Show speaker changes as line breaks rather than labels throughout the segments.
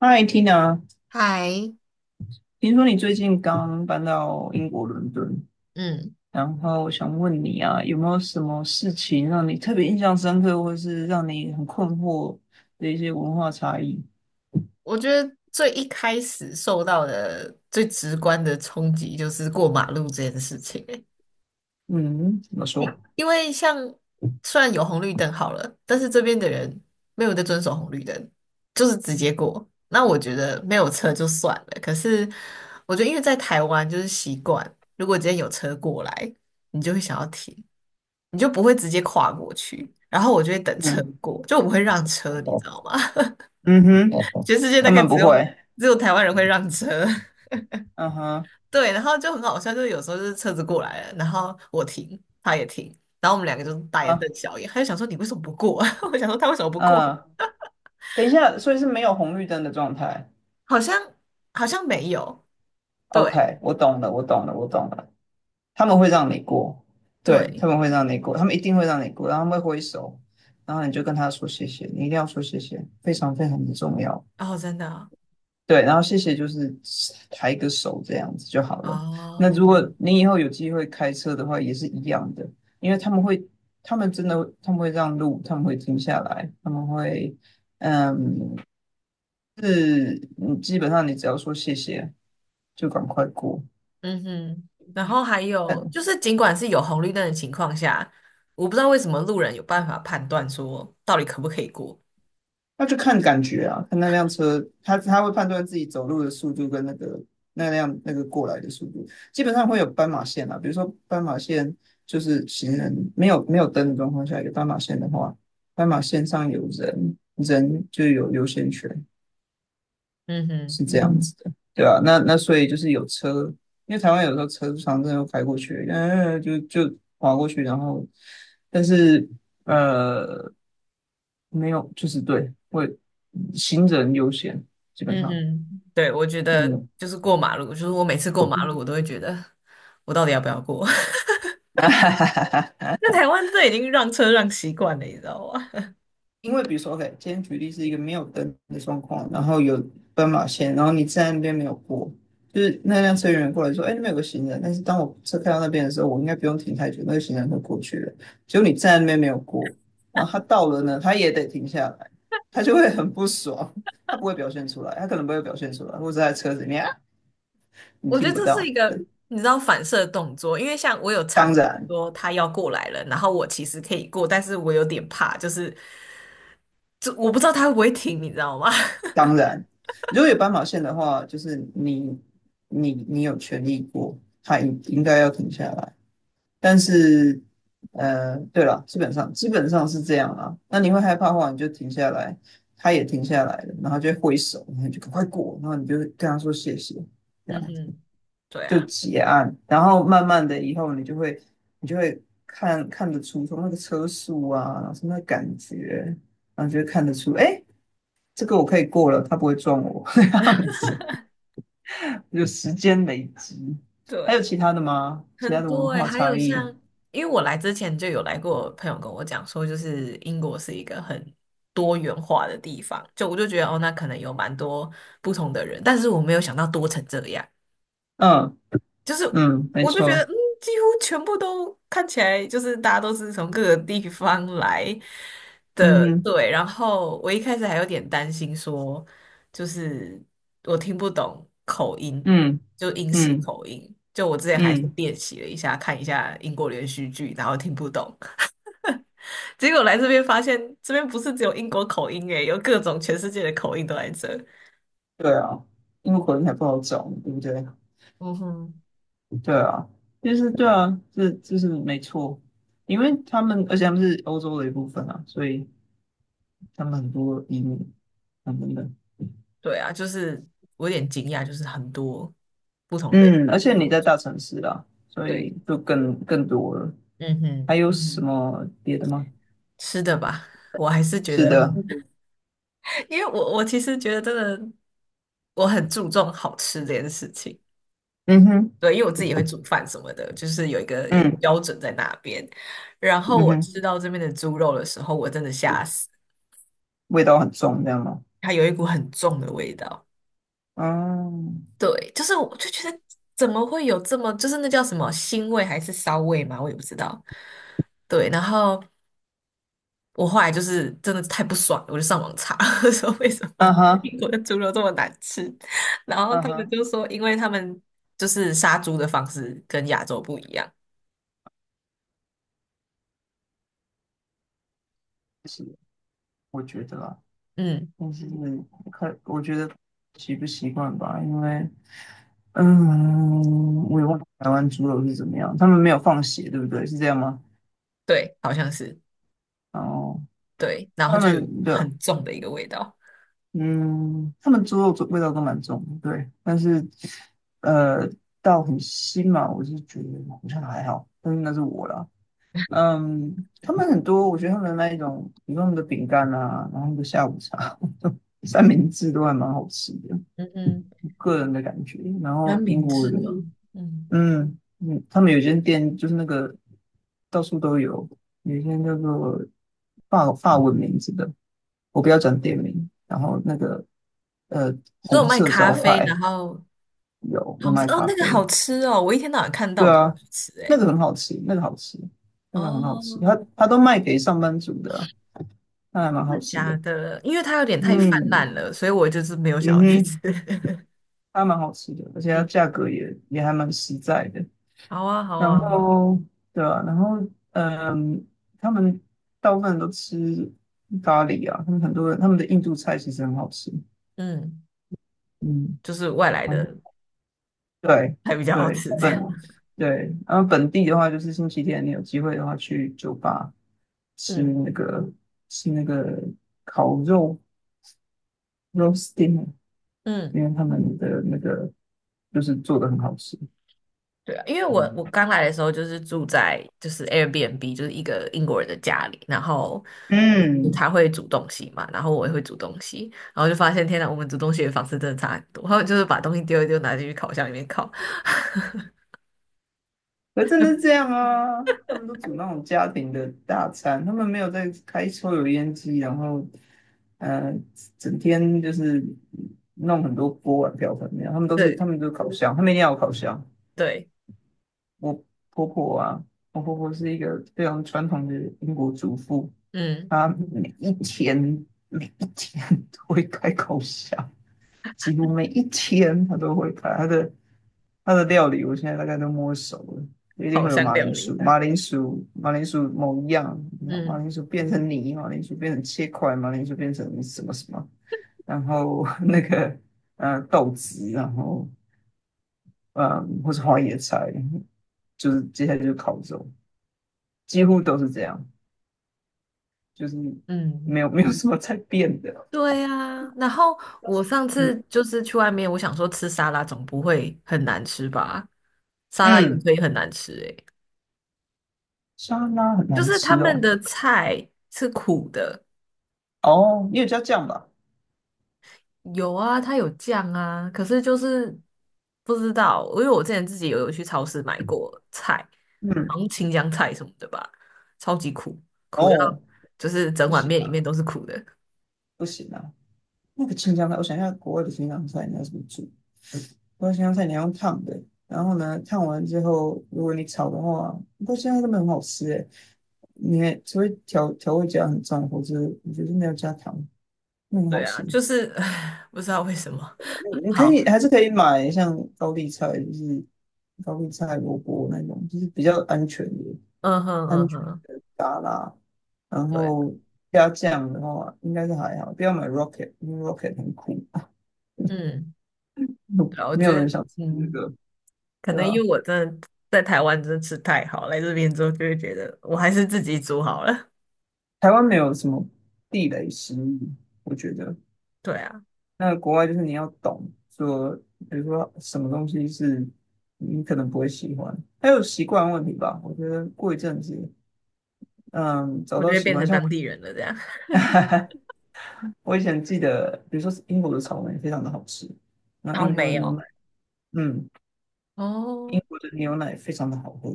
嗨，Tina，
嗨，
听说你最近刚搬到英国伦敦，
嗯，
然后我想问你啊，有没有什么事情让你特别印象深刻，或是让你很困惑的一些文化差异？
我觉得最一开始受到的最直观的冲击就是过马路这件事情欸。
嗯，怎么说？
因为像虽然有红绿灯好了，但是这边的人没有在遵守红绿灯，就是直接过。那我觉得没有车就算了，可是我觉得因为在台湾就是习惯，如果今天有车过来，你就会想要停，你就不会直接跨过去，然后我就会等车
嗯
过，就我不会让车，你知道吗？
嗯哼，
全世界大
他
概
们
只
不
有
会。
只有台湾人会让车。
嗯哼，
对，然后就很好笑，就是有时候就是车子过来了，然后我停，他也停，然后我们两个就大眼
啊
瞪小眼，他就想说你为什么不过啊？我想说他为什么不过？
啊，等一下，所以是没有红绿灯的状态。
好像好像没有。对
OK，我懂了，我懂了，我懂了。他们会让你过，对，他
对。
们会让你过，他们一定会让你过，然后他们会挥手，然后你就跟他说谢谢，你一定要说谢谢，非常非常的重要。
哦，真的啊。
对，然后谢谢就是抬个手这样子就好了。那
哦。
如果你以后有机会开车的话，也是一样的，因为他们会，他们真的会让路，他们会停下来，他们会，嗯，是，嗯基本上你只要说谢谢，就赶快过。
嗯哼，然后还有就是，尽管是有红绿灯的情况下，我不知道为什么路人有办法判断说到底可不可以过。
那就看感觉啊，看那辆车，他会判断自己走路的速度跟那个那辆过来的速度，基本上会有斑马线啊。比如说斑马线就是行人没有灯的状况下有斑马线的话，斑马线上有人，人就有优先权。
嗯哼。
是这样子的，对啊，那所以就是有车，因为台湾有时候车常常真的会开过去，嗯、就划过去，然后但是呃没有，就是对，会行人优先，基本
嗯
上，
哼，对，我觉得
嗯，
就是过马路，就是我每次过马路，我都会觉得我到底要不要过？那台湾这已经让车让习惯了，你知道吗？
因为比如说，OK，今天举例是一个没有灯的状况，然后有斑马线，然后你站在那边没有过，就是那辆车员过来说，哎，那边有个行人，但是当我车开到那边的时候，我应该不用停太久，那个行人会过去了。结果你站在那边没有过，然后他到了呢，他也得停下来，他就会很不爽，他不会表现出来，他可能不会表现出来，或者在车子里面啊 你
我觉
听
得
不
这是一
到。
个你知道反射动作，因为像我有常
当然，
说他要过来了，然后我其实可以过，但是我有点怕，就是就我不知道他会不会停，你知道吗？
当然，如果有斑马线的话，就是你有权利过，他应该要停下来。但是，对了，基本上是这样啦。那你会害怕的话，你就停下来，他也停下来了，然后就会挥手，然后你就赶快过，然后你就跟他说谢谢，这
嗯哼。
样
对
就
啊。
结案。然后慢慢的以后，你就会看得出从那个车速啊，什么感觉，然后就会看得出，哎，这个我可以过了，他不会撞我 这样子，就时间累积。还有
对。
其他的吗？其他
很
的文
多哎、
化
还有
差
像，
异？
因为我来之前就有来过，朋友跟我讲说，就是英国是一个很多元化的地方，就我就觉得哦，那可能有蛮多不同的人，但是我没有想到多成这样。
嗯
就是
嗯，没
我就觉得，
错。
嗯，几乎全部都看起来就是大家都是从各个地方来
嗯
的，
哼，
对。然后我一开始还有点担心说，就是我听不懂口音，
嗯
就英式
嗯
口音。就我之前还是
嗯，
练习了一下，看一下英国连续剧，然后听不懂。结果来这边发现，这边不是只有英国口音诶，有各种全世界的口音都在这。
对啊，因为口音还不好找，对不对？
嗯哼，
对啊，就是对啊，这是没错，因为他们，而且他们是欧洲的一部分啊，所以他们很多移民等等等。
对啊，就是我有点惊讶，就是很多不同的
嗯，而且你
种
在
族。
大城市啦，所
对。
以就更多了。
嗯哼。
还有什么别的吗？
吃的吧，我还是觉
是
得，
的，
因为我其实觉得真的，我很注重好吃这件事情。
嗯哼，
对，因为我自己也会煮饭什么的，就是有一个
嗯
标准在那边。然后
嗯
我吃
哼，
到这边的猪肉的时候，我真的吓死，
味道很重，这样吗？
它有一股很重的味道。
嗯，
对，就是我就觉得怎么会有这么，就是那叫什么腥味还是骚味嘛，我也不知道。对，然后，我后来就是真的太不爽了，我就上网查 说为什
嗯
么英
哼，
国的猪肉这么难吃，然后
嗯
他们
哼，
就说，因为他们就是杀猪的方式跟亚洲不一样。
是，我觉得啊。
嗯。
但是看，我觉得习不习惯吧，因为，嗯，我也忘了台湾猪肉是怎么样，他们没有放血，对不对？是这样吗？
对，好像是。
哦，
对，然后
他
就有
们的，
很重的一个味道。
嗯，他们猪肉味道都蛮重的，对，但是，呃，到很腥嘛，我是觉得好像还好，但是那是我啦。嗯，他们很多，我觉得他们那一种，比如说他们的饼干啊，然后他们的下午茶、三明治都还蛮好吃的。
嗯嗯。
个人的感觉。然
比较
后英
明
国
智哦。
人，
嗯。
嗯嗯，他们有一间店就是那个到处都有，有一间叫做法文名字的，我不要讲店名。然后那个呃
你说
红
有卖
色
咖
招
啡，
牌
然后
有
好像
卖
哦，
咖
那个好
啡，
吃哦，我一天到晚看到
对
我都
啊，
吃
那
诶。
个很好吃，那个好吃，那个很好吃。
哦，
他都卖给上班族的，那还蛮
真
好
的
吃的。
假的？因为它有点太泛滥
嗯
了，所以我就是没有想
嗯
要去吃。
哼，它还蛮好吃的，而且它
嗯。
价格也还蛮实在的。
好啊，好
然
啊。
后对啊，然后嗯，他们大部分人都吃咖喱啊，他们很多人他们的印度菜其实很好吃，
嗯，
嗯，
就是外来
然后
的
对
还比较好
对
吃这样。
本对，然后本地的话就是星期天你有机会的话去酒吧 吃
嗯
那个吃那个烤肉 roast dinner，
嗯。
因为他们的那个就是做的很好吃，
对啊，因为我刚来的时候就是住在 Airbnb，就是一个英国人的家里，然后就是
嗯，
他会煮东西嘛，然后我也会煮东西，然后就发现天呐，我们煮东西的方式真的差很多。然后就是把东西丢一丢，拿进去烤箱里面烤。
可是真的是这样啊，他们都煮那种家庭的大餐，他们没有在开抽油烟机，然后呃，整天就是弄很多锅碗瓢盆那样，他们都是他
对。
们都是烤箱，他们一定要有烤箱。
对。
我婆婆啊，我婆婆是一个非常传统的英国主妇，
嗯，
她每一天每一天都会开烤箱，几乎每一天他都会拍他的料理，我现在大概都摸熟了，一定
烤
会有
箱
马
料
铃薯，
理。
马铃薯，马铃薯某一样，然后马
嗯
铃薯变成泥，马铃薯变成切块，马铃薯变成什么什么，然后 那个豆子，然后嗯或是花椰菜，就是接下来就是烤肉，几乎都是这样，就是没
嗯。
有什么在变的，
对呀、然后我上
嗯
次就是去外面，我想说吃沙拉总不会很难吃吧？沙拉也
嗯，
可以很难吃诶、
沙拉很
就
难
是他
吃
们
哦，
的菜是苦的。
哦，你有加酱吧？
有啊，它有酱啊，可是就是不知道。因为我之前自己有去超市买过菜，好
嗯。
像青江菜什么的吧，超级苦，苦到
哦，
就是整
不
碗
行
面里
啊
面都是苦的。
不行啊！那个青江菜，我想一下，国外的青江菜你要怎么煮？国外青江菜你要用烫的，然后呢，烫完之后，如果你炒的话，不过现在根本很好吃诶，你除非调味加很重，或者我觉得没有加糖，那很好
对啊，
吃。嗯
就是 不知道为什么。
你可
好。
以还是可以买像高丽菜，就是高丽菜、萝卜那种，就是比较安全的、
嗯哼
安
嗯
全
哼。
的沙拉。然
对啊。
后加酱的话，应该是还好，不要买 Rocket，因为 Rocket 很苦。
嗯。对啊我
没
觉
有
得，
人想吃那
嗯，
个，
可
对
能因
啊，
为我真的在台湾真的吃太好，来这边之后就会觉得我还是自己煮好了。
台湾没有什么地雷食物，我觉得。
对啊，
那国外就是你要懂说，比如说什么东西是你可能不会喜欢，还有习惯问题吧。我觉得过一阵子，嗯，找
我就
到
会
喜
变
欢，
成
像我，
当地人了这样。
我以前记得，比如说英国的草莓非常的好吃，那
草
英国的
莓
牛奶，
哦。
嗯。英
哦
国的牛奶非常的好喝，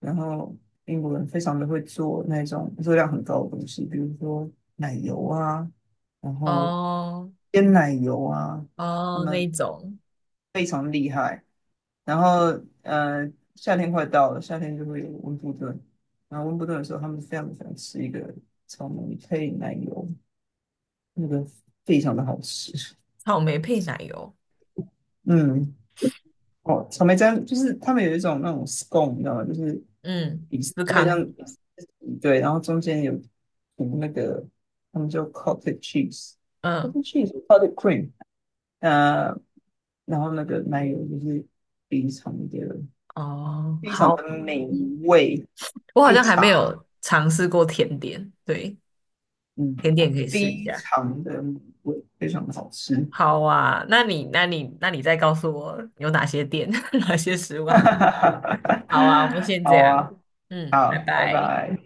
然后英国人非常的会做那种热量很高的东西，比如说奶油啊，然后
哦
鲜奶油啊，他
哦，那
们
一种
非常厉害。然后夏天快到了，夏天就会有温布顿，然后温布顿的时候，他们非常喜欢吃一个草莓配奶油，那个非常的好吃。
草莓配奶油。
嗯，哦，草莓酱就是他们有一种那种 scone，你知道吗？就是
嗯，
底是
司
有点像
康。
对，然后中间有涂那个，他们叫 cottage
嗯。
cheese，cottage cream，呃，然后那个奶油就是非常的
哦，
非常
好。
的美
嗯，
味，
我好
配
像还没
茶，
有尝试过甜点，对，
嗯，
甜点可以试一
非
下。
常的美味，非常的好吃，
好啊，那你再告诉我有哪些店，哪些食物好。好啊，我们 先这
好
样。
啊，
嗯，
好，
拜
拜
拜。
拜。